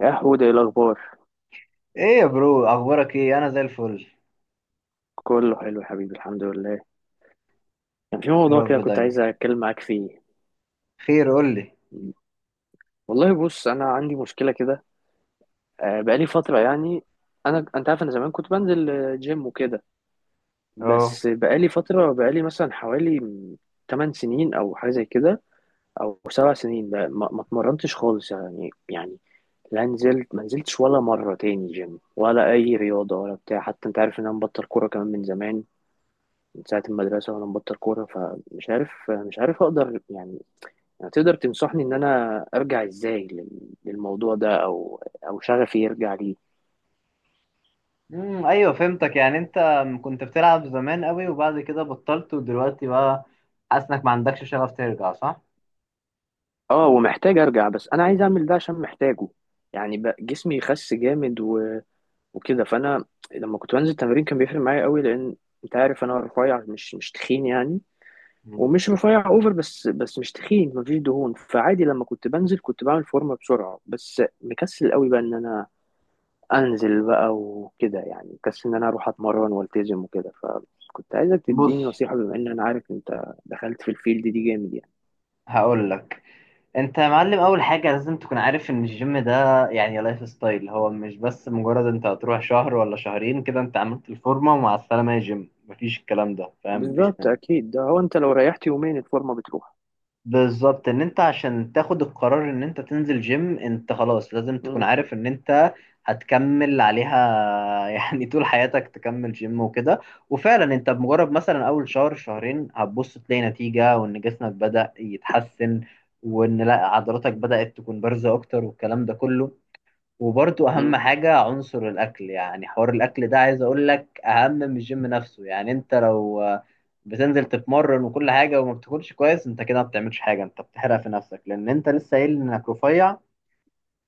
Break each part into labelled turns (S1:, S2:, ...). S1: يا حود، ايه الاخبار؟
S2: ايه يا برو، اخبارك ايه؟ انا زي الفل.
S1: كله حلو يا حبيبي، الحمد لله. كان في
S2: يا
S1: موضوع كده
S2: رب
S1: كنت
S2: دايما.
S1: عايز اتكلم معاك فيه.
S2: خير، قول لي.
S1: والله بص، انا عندي مشكله كده. بقالي فتره يعني. انت عارف، انا زمان كنت بنزل جيم وكده.
S2: اه.
S1: بس بقالي مثلا حوالي 8 سنين او حاجه زي كده، او 7 سنين ما اتمرنتش خالص، يعني لا نزلت ما نزلتش ولا مره تاني جيم، ولا اي رياضه ولا بتاع. حتى انت عارف ان انا مبطل كوره كمان من زمان، من ساعة المدرسة وأنا مبطل كورة. فمش عارف، مش عارف أقدر يعني تقدر تنصحني إن أنا أرجع إزاي للموضوع ده، أو شغفي يرجع ليه.
S2: ايوه فهمتك. يعني انت كنت بتلعب زمان قوي وبعد كده بطلت ودلوقتي بقى حاسس انك ما عندكش شغف ترجع، صح؟
S1: أه، ومحتاج أرجع، بس أنا عايز أعمل ده عشان محتاجه. يعني بقى جسمي خس جامد وكده. فأنا لما كنت بنزل تمرين كان بيفرق معايا قوي، لأن أنت عارف أنا رفيع، مش تخين يعني.
S2: مم.
S1: ومش رفيع اوفر، بس مش تخين، مفيش دهون. فعادي لما كنت بنزل كنت بعمل فورمه بسرعه. بس مكسل قوي بقى ان انا انزل بقى وكده، يعني كسل ان انا اروح اتمرن والتزم وكده. فكنت عايزك
S2: بص
S1: تديني نصيحة، بما ان انا عارف انت دخلت في الفيلد دي جامد يعني.
S2: هقول لك، انت يا معلم اول حاجه لازم تكون عارف ان الجيم ده يعني لايف ستايل. هو مش بس مجرد انت هتروح شهر ولا شهرين كده انت عملت الفورمه ومع السلامه يا جيم. مفيش الكلام ده، فاهم؟ مفيش
S1: بالظبط،
S2: منه.
S1: اكيد ده هو. انت لو ريحت يومين، الفورمة بتروح.
S2: بالظبط، ان انت عشان تاخد القرار ان انت تنزل جيم انت خلاص لازم تكون
S1: مم.
S2: عارف ان انت هتكمل عليها. يعني طول حياتك تكمل جيم وكده. وفعلا انت بمجرد مثلا اول شهر شهرين هتبص تلاقي نتيجة وان جسمك بدأ يتحسن وان لا عضلاتك بدأت تكون بارزة اكتر والكلام ده كله. وبرضو اهم
S1: مم.
S2: حاجة عنصر الاكل. يعني حوار الاكل ده عايز اقول لك اهم من الجيم نفسه. يعني انت لو بتنزل تتمرن وكل حاجة وما بتاكلش كويس انت كده ما بتعملش حاجة. انت بتحرق في نفسك لان انت لسه قايل انك رفيع.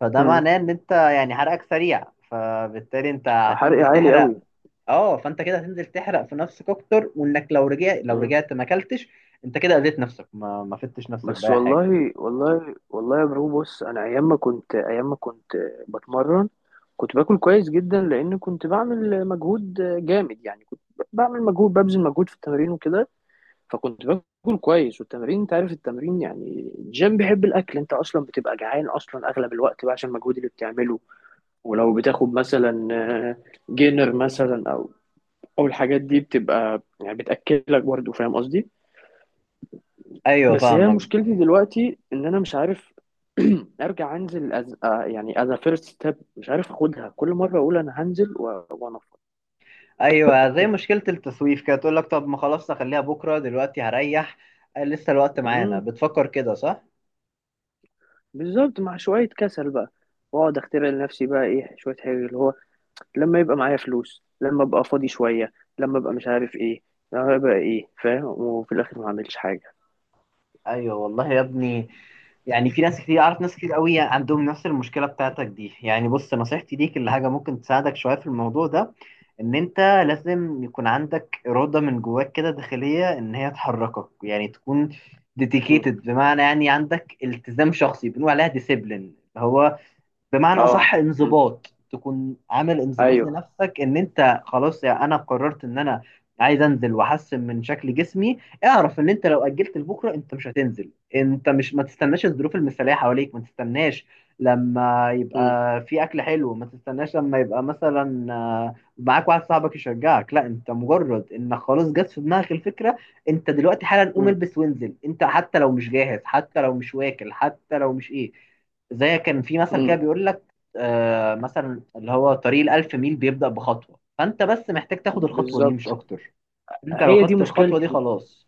S2: فده
S1: مم.
S2: معناه ان انت يعني حرقك سريع. فبالتالي انت
S1: حرق
S2: هتنزل
S1: عالي
S2: تحرق.
S1: قوي.
S2: اه، فانت كده هتنزل تحرق في نفسك اكتر. وانك لو
S1: مم.
S2: رجعت ما اكلتش انت كده اذيت نفسك، ما فدتش نفسك
S1: بس
S2: باي حاجة.
S1: والله والله والله يا برو، بص انا ايام ما كنت بتمرن كنت باكل كويس جدا، لان كنت بعمل مجهود جامد يعني. كنت بعمل مجهود ببذل مجهود في التمرين وكده. فكنت باكل كويس. والتمرين انت عارف، التمرين يعني الجيم بيحب الاكل، انت اصلا بتبقى جعان اصلا اغلب الوقت بقى عشان المجهود اللي بتعمله. ولو بتاخد مثلا جينر مثلا، او الحاجات دي بتبقى يعني بتاكلك، برضه فاهم قصدي.
S2: ايوه
S1: بس هي
S2: فاهمك.
S1: مشكلتي دلوقتي ان انا مش عارف ارجع انزل، أز... آه، يعني از فيرست ستيب، مش عارف اخدها. كل مره اقول انا هنزل وانفض.
S2: ايوه زي مشكله التسويف كده، تقول لك طب ما خلاص نخليها بكره دلوقتي هريح. لسه الوقت معانا،
S1: مم.
S2: بتفكر كده صح؟
S1: بالظبط، مع شويه كسل بقى. واقعد اخترع لنفسي بقى ايه، شويه حاجه اللي هو لما يبقى معايا فلوس، لما ابقى فاضي شوية، لما ابقى مش عارف ايه، لما ابقى ايه، فاهم، وفي الاخر ما اعملش حاجة.
S2: ايوه والله يا ابني. يعني في ناس كتير، اعرف ناس كتير قوي عندهم نفس المشكله بتاعتك دي. يعني بص نصيحتي ليك اللي حاجه ممكن تساعدك شويه في الموضوع ده، ان انت لازم يكون عندك اراده من جواك كده داخليه ان هي تحركك. يعني تكون
S1: مم.
S2: ديديكيتد، بمعنى يعني عندك التزام شخصي بنقول عليها ديسيبلين. هو بمعنى اصح
S1: اه، مم.
S2: انضباط، تكون عامل انضباط
S1: ايوه.
S2: لنفسك ان انت خلاص يا انا قررت ان انا عايز انزل واحسن من شكل جسمي. اعرف ان انت لو اجلت لبكره انت مش هتنزل. انت مش ما تستناش الظروف المثاليه حواليك. ما تستناش لما
S1: مم.
S2: يبقى في اكل حلو. ما تستناش لما يبقى مثلا معاك واحد صاحبك يشجعك. لا، انت مجرد انك خلاص جت في دماغك الفكره، انت دلوقتي حالا قوم
S1: مم.
S2: البس وانزل. انت حتى لو مش جاهز حتى لو مش واكل حتى لو مش ايه، زي كان في مثل كده
S1: مم.
S2: بيقول لك آه مثلا، اللي هو طريق الألف ميل بيبدأ بخطوة. فأنت بس محتاج تاخد الخطوة دي، مش
S1: بالظبط،
S2: أكتر. أنت لو
S1: هي دي
S2: خدت الخطوة دي
S1: مشكلتي.
S2: خلاص.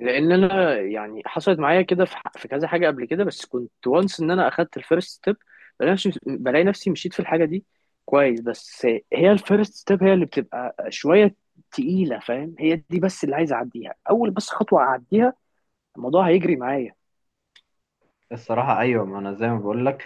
S1: لان انا يعني حصلت معايا كده في كذا حاجة قبل كده، بس كنت وانس ان انا اخدت الفيرست ستيب، بلاقي نفسي، مشيت في الحاجة دي كويس. بس هي الفيرست ستيب هي اللي بتبقى شوية تقيلة، فاهم. هي دي بس اللي عايز اعديها، اول بس خطوة اعديها، الموضوع هيجري معايا.
S2: الصراحة أيوة، ما أنا زي ما بقول لك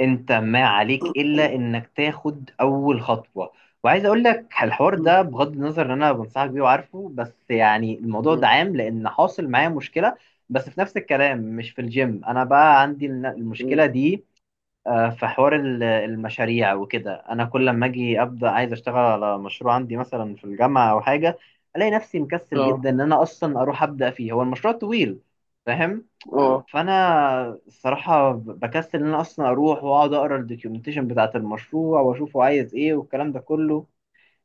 S2: أنت ما عليك
S1: مم.
S2: إلا إنك تاخد أول خطوة. وعايز أقول لك الحوار ده، بغض النظر إن أنا بنصحك بيه وعارفه، بس يعني الموضوع
S1: مم.
S2: ده عام لأن حاصل معايا مشكلة بس في نفس الكلام، مش في الجيم. أنا بقى عندي
S1: مم.
S2: المشكلة دي. في حوار المشاريع وكده، انا كل لما اجي ابدا عايز اشتغل على مشروع عندي مثلا في الجامعه او حاجه الاقي نفسي مكسل
S1: اه،
S2: جدا ان انا اصلا اروح ابدا فيه. هو المشروع طويل، فاهم؟
S1: اه.
S2: فانا الصراحه بكسل ان انا اصلا اروح واقعد اقرا الدوكيومنتيشن بتاعه المشروع واشوفه عايز ايه والكلام ده كله.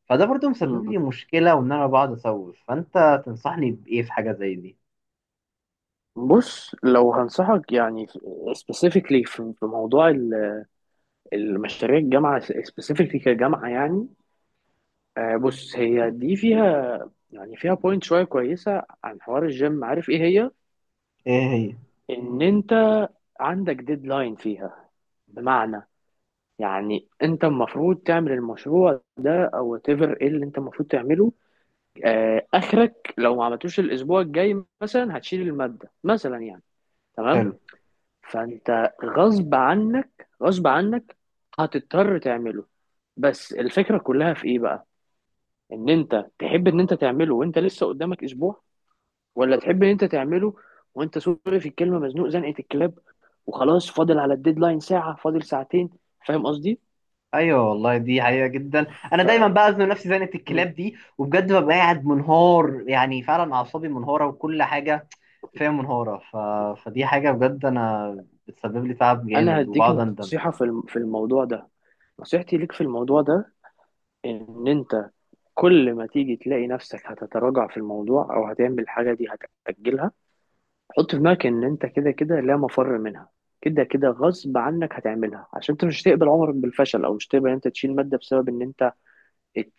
S2: فده برضو مسبب
S1: مم.
S2: لي مشكله وان انا بقعد اسوف. فانت تنصحني بايه في حاجه زي دي؟
S1: بص، لو هنصحك يعني سبيسيفيكلي في موضوع المشاريع الجامعه، سبيسيفيكلي كجامعه يعني. بص هي دي فيها يعني فيها بوينت شويه كويسه عن حوار الجيم، عارف ايه هي؟
S2: ايه هي؟
S1: ان انت عندك ديدلاين فيها، بمعنى يعني انت المفروض تعمل المشروع ده او whatever ايه اللي انت المفروض تعمله. اخرك لو ما عملتوش الاسبوع الجاي مثلا هتشيل الماده مثلا يعني. تمام.
S2: حلو.
S1: فانت غصب عنك، غصب عنك هتضطر تعمله. بس الفكره كلها في ايه بقى؟ ان انت تحب ان انت تعمله وانت لسه قدامك اسبوع، ولا تحب ان انت تعمله وانت سوري في الكلمه مزنوق زنقه الكلاب، وخلاص فاضل على الديدلاين ساعه، فاضل ساعتين، فاهم قصدي.
S2: ايوه والله، دي حقيقه جدا. انا
S1: ف...
S2: دايما بأذن نفسي زنقه
S1: م.
S2: الكلاب دي وبجد ببقى قاعد منهار. يعني فعلا اعصابي منهاره وكل حاجه فيها منهاره. فدي حاجه بجد انا بتسبب لي تعب
S1: انا
S2: جامد
S1: هديك
S2: وبقعد اندم.
S1: نصيحه في الموضوع ده. نصيحتي ليك في الموضوع ده ان انت كل ما تيجي تلاقي نفسك هتتراجع في الموضوع او هتعمل حاجه دي، هتأجلها، حط في دماغك ان انت كده كده لا مفر منها، كده كده غصب عنك هتعملها. عشان انت مش هتقبل عمرك بالفشل، او مش هتقبل ان انت تشيل ماده بسبب ان انت ات-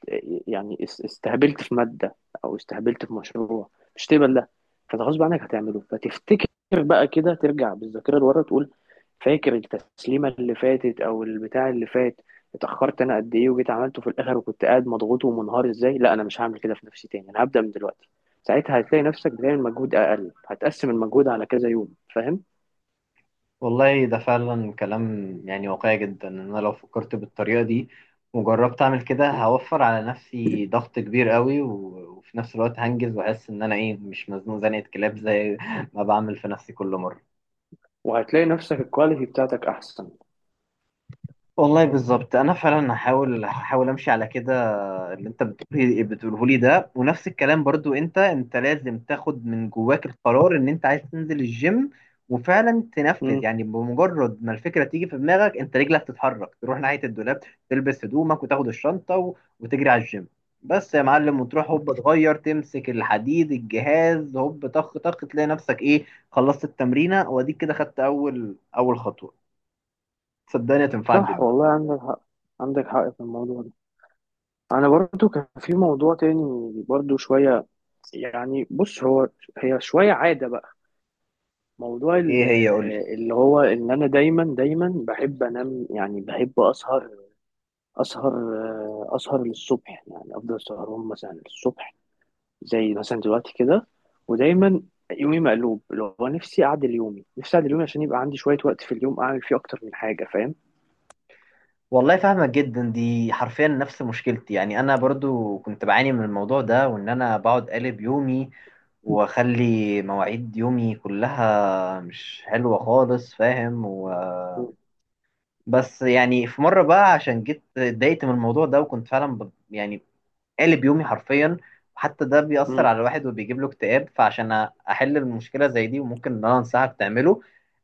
S1: يعني استهبلت في مادة أو استهبلت في مشروع. مش تقبل ده. فانت غصب عنك هتعمله. فتفتكر بقى كده، ترجع بالذاكرة لورا، تقول فاكر التسليمة اللي فاتت أو البتاع اللي فات، اتأخرت أنا قد إيه وجيت عملته في الآخر وكنت قاعد مضغوط ومنهار إزاي. لا، أنا مش هعمل كده في نفسي تاني، أنا هبدأ من دلوقتي. ساعتها هتلاقي نفسك بتعمل مجهود أقل، هتقسم المجهود على كذا يوم، فاهم؟
S2: والله ده فعلا كلام يعني واقعي جدا، ان انا لو فكرت بالطريقه دي وجربت اعمل كده
S1: م.
S2: هوفر على نفسي ضغط كبير قوي وفي نفس الوقت هنجز واحس ان انا ايه مش مزنوق زنقه كلاب زي ما بعمل في نفسي كل مره.
S1: وهتلاقي نفسك الكواليتي بتاعتك أحسن.
S2: والله بالظبط، انا فعلا هحاول امشي على كده اللي انت بتقوله لي ده. ونفس الكلام برضو، انت لازم تاخد من جواك القرار ان انت عايز تنزل الجيم وفعلا تنفذ.
S1: م.
S2: يعني بمجرد ما الفكره تيجي في دماغك انت رجلك تتحرك تروح ناحيه الدولاب، تلبس هدومك وتاخد الشنطه وتجري على الجيم. بس يا معلم، وتروح هوب تغير تمسك الحديد الجهاز هوب طخ طخ تلاقي نفسك ايه، خلصت التمرينه. واديك كده خدت اول خطوه. صدقني هتنفعك
S1: صح،
S2: جدا.
S1: والله عندك حق، عندك حق في الموضوع ده. انا برضو كان في موضوع تاني برضو شوية، يعني بص هو هي شوية عادة بقى، موضوع
S2: ايه هي؟ قول لي.
S1: اللي هو ان انا دايما دايما بحب انام، يعني بحب اسهر اسهر للصبح، يعني افضل سهران مثلا للصبح، زي مثلا دلوقتي كده. ودايما يومي مقلوب، اللي هو نفسي اعدل يومي، عشان يبقى عندي شوية وقت في اليوم اعمل فيه اكتر من حاجة، فاهم.
S2: والله فاهمك جدا، دي حرفيا نفس مشكلتي. يعني انا برضو كنت بعاني من الموضوع ده وان انا بقعد قالب يومي واخلي مواعيد يومي كلها مش حلوة خالص، فاهم؟ و،
S1: مم.
S2: بس يعني في مرة بقى عشان جيت اتضايقت من الموضوع ده وكنت فعلا يعني قالب يومي حرفيا. وحتى ده بيأثر
S1: مم.
S2: على الواحد وبيجيب له اكتئاب. فعشان احل المشكله زي دي، وممكن ان انا انصحك تعمله،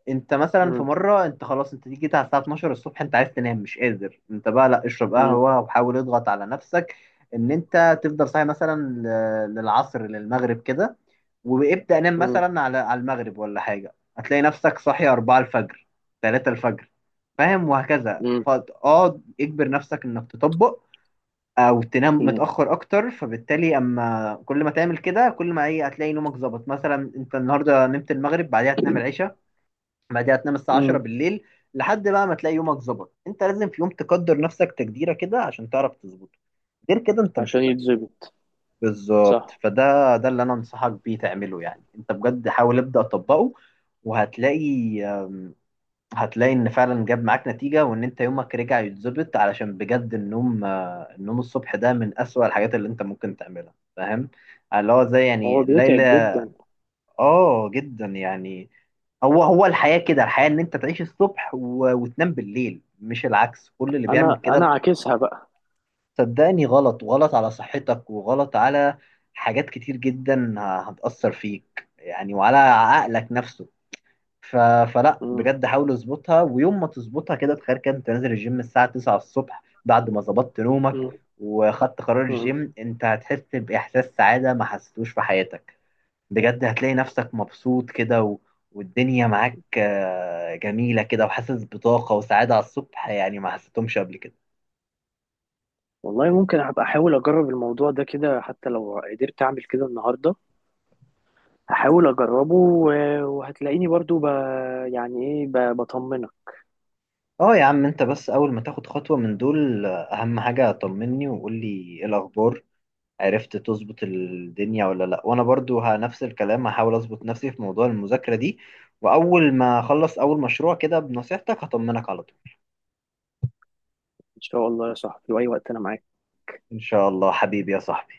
S2: انت مثلا في
S1: مم.
S2: مره انت خلاص انت دي جيت على الساعه 12 الصبح انت عايز تنام مش قادر، انت بقى لا اشرب
S1: مم.
S2: قهوه وحاول اضغط على نفسك ان انت تفضل صاحي مثلا للعصر للمغرب كده. وابدأ نام مثلا على المغرب ولا حاجة، هتلاقي نفسك صاحي 4 الفجر، 3 الفجر، فاهم؟ وهكذا،
S1: مم.
S2: فاقعد اجبر نفسك انك تطبق او تنام
S1: مم.
S2: متاخر اكتر. فبالتالي اما كل ما تعمل كده كل ما ايه هتلاقي نومك ظبط. مثلا انت النهارده نمت المغرب، بعدها تنام العشاء، بعدها تنام الساعه 10
S1: مم.
S2: بالليل، لحد بقى ما تلاقي يومك ظبط. انت لازم في يوم تقدر نفسك تقديره كده عشان تعرف تظبطه. غير كده انت مش
S1: عشان
S2: هتعرف.
S1: يتظبط.
S2: بالظبط.
S1: صح.
S2: فده اللي انا انصحك بيه تعمله. يعني انت بجد حاول ابدا اطبقه وهتلاقي آمم، هتلاقي ان فعلا جاب معاك نتيجة وان انت يومك رجع يتظبط. علشان بجد النوم النوم الصبح ده من اسوأ الحاجات اللي انت ممكن تعملها، فاهم؟ اللي هو زي
S1: هو
S2: يعني
S1: بيتعب
S2: ليلى.
S1: جدا.
S2: اه جدا يعني. هو هو الحياة كده. الحياة ان انت تعيش الصبح وتنام بالليل، مش العكس. كل اللي بيعمل
S1: انا
S2: كده
S1: عاكسها بقى.
S2: صدقني غلط، وغلط على صحتك وغلط على حاجات كتير جدا هتأثر فيك، يعني وعلى عقلك نفسه. ف... فلا
S1: مم.
S2: بجد حاول اظبطها. ويوم ما تظبطها كده تخيل كده انت نازل الجيم الساعة 9 الصبح بعد ما ظبطت نومك
S1: مم.
S2: وخدت قرار
S1: مم.
S2: الجيم، انت هتحس بإحساس سعادة ما حسيتوش في حياتك. بجد هتلاقي نفسك مبسوط كده والدنيا معاك جميلة كده وحاسس بطاقة وسعادة على الصبح، يعني ما حسيتهمش قبل كده.
S1: والله ممكن هبقى احاول اجرب الموضوع ده كده، حتى لو قدرت اعمل كده النهارده هحاول اجربه، وهتلاقيني برضو يعني ايه، بطمنك.
S2: اه يا عم، انت بس اول ما تاخد خطوة من دول اهم حاجة طمني وقول لي ايه الاخبار، عرفت تظبط الدنيا ولا لا. وانا برضو نفس الكلام هحاول اظبط نفسي في موضوع المذاكرة دي. واول ما اخلص اول مشروع كده بنصيحتك هطمنك على طول.
S1: ان شاء الله يا صاحبي، في اي وقت انا معاك.
S2: ان شاء الله حبيبي يا صاحبي.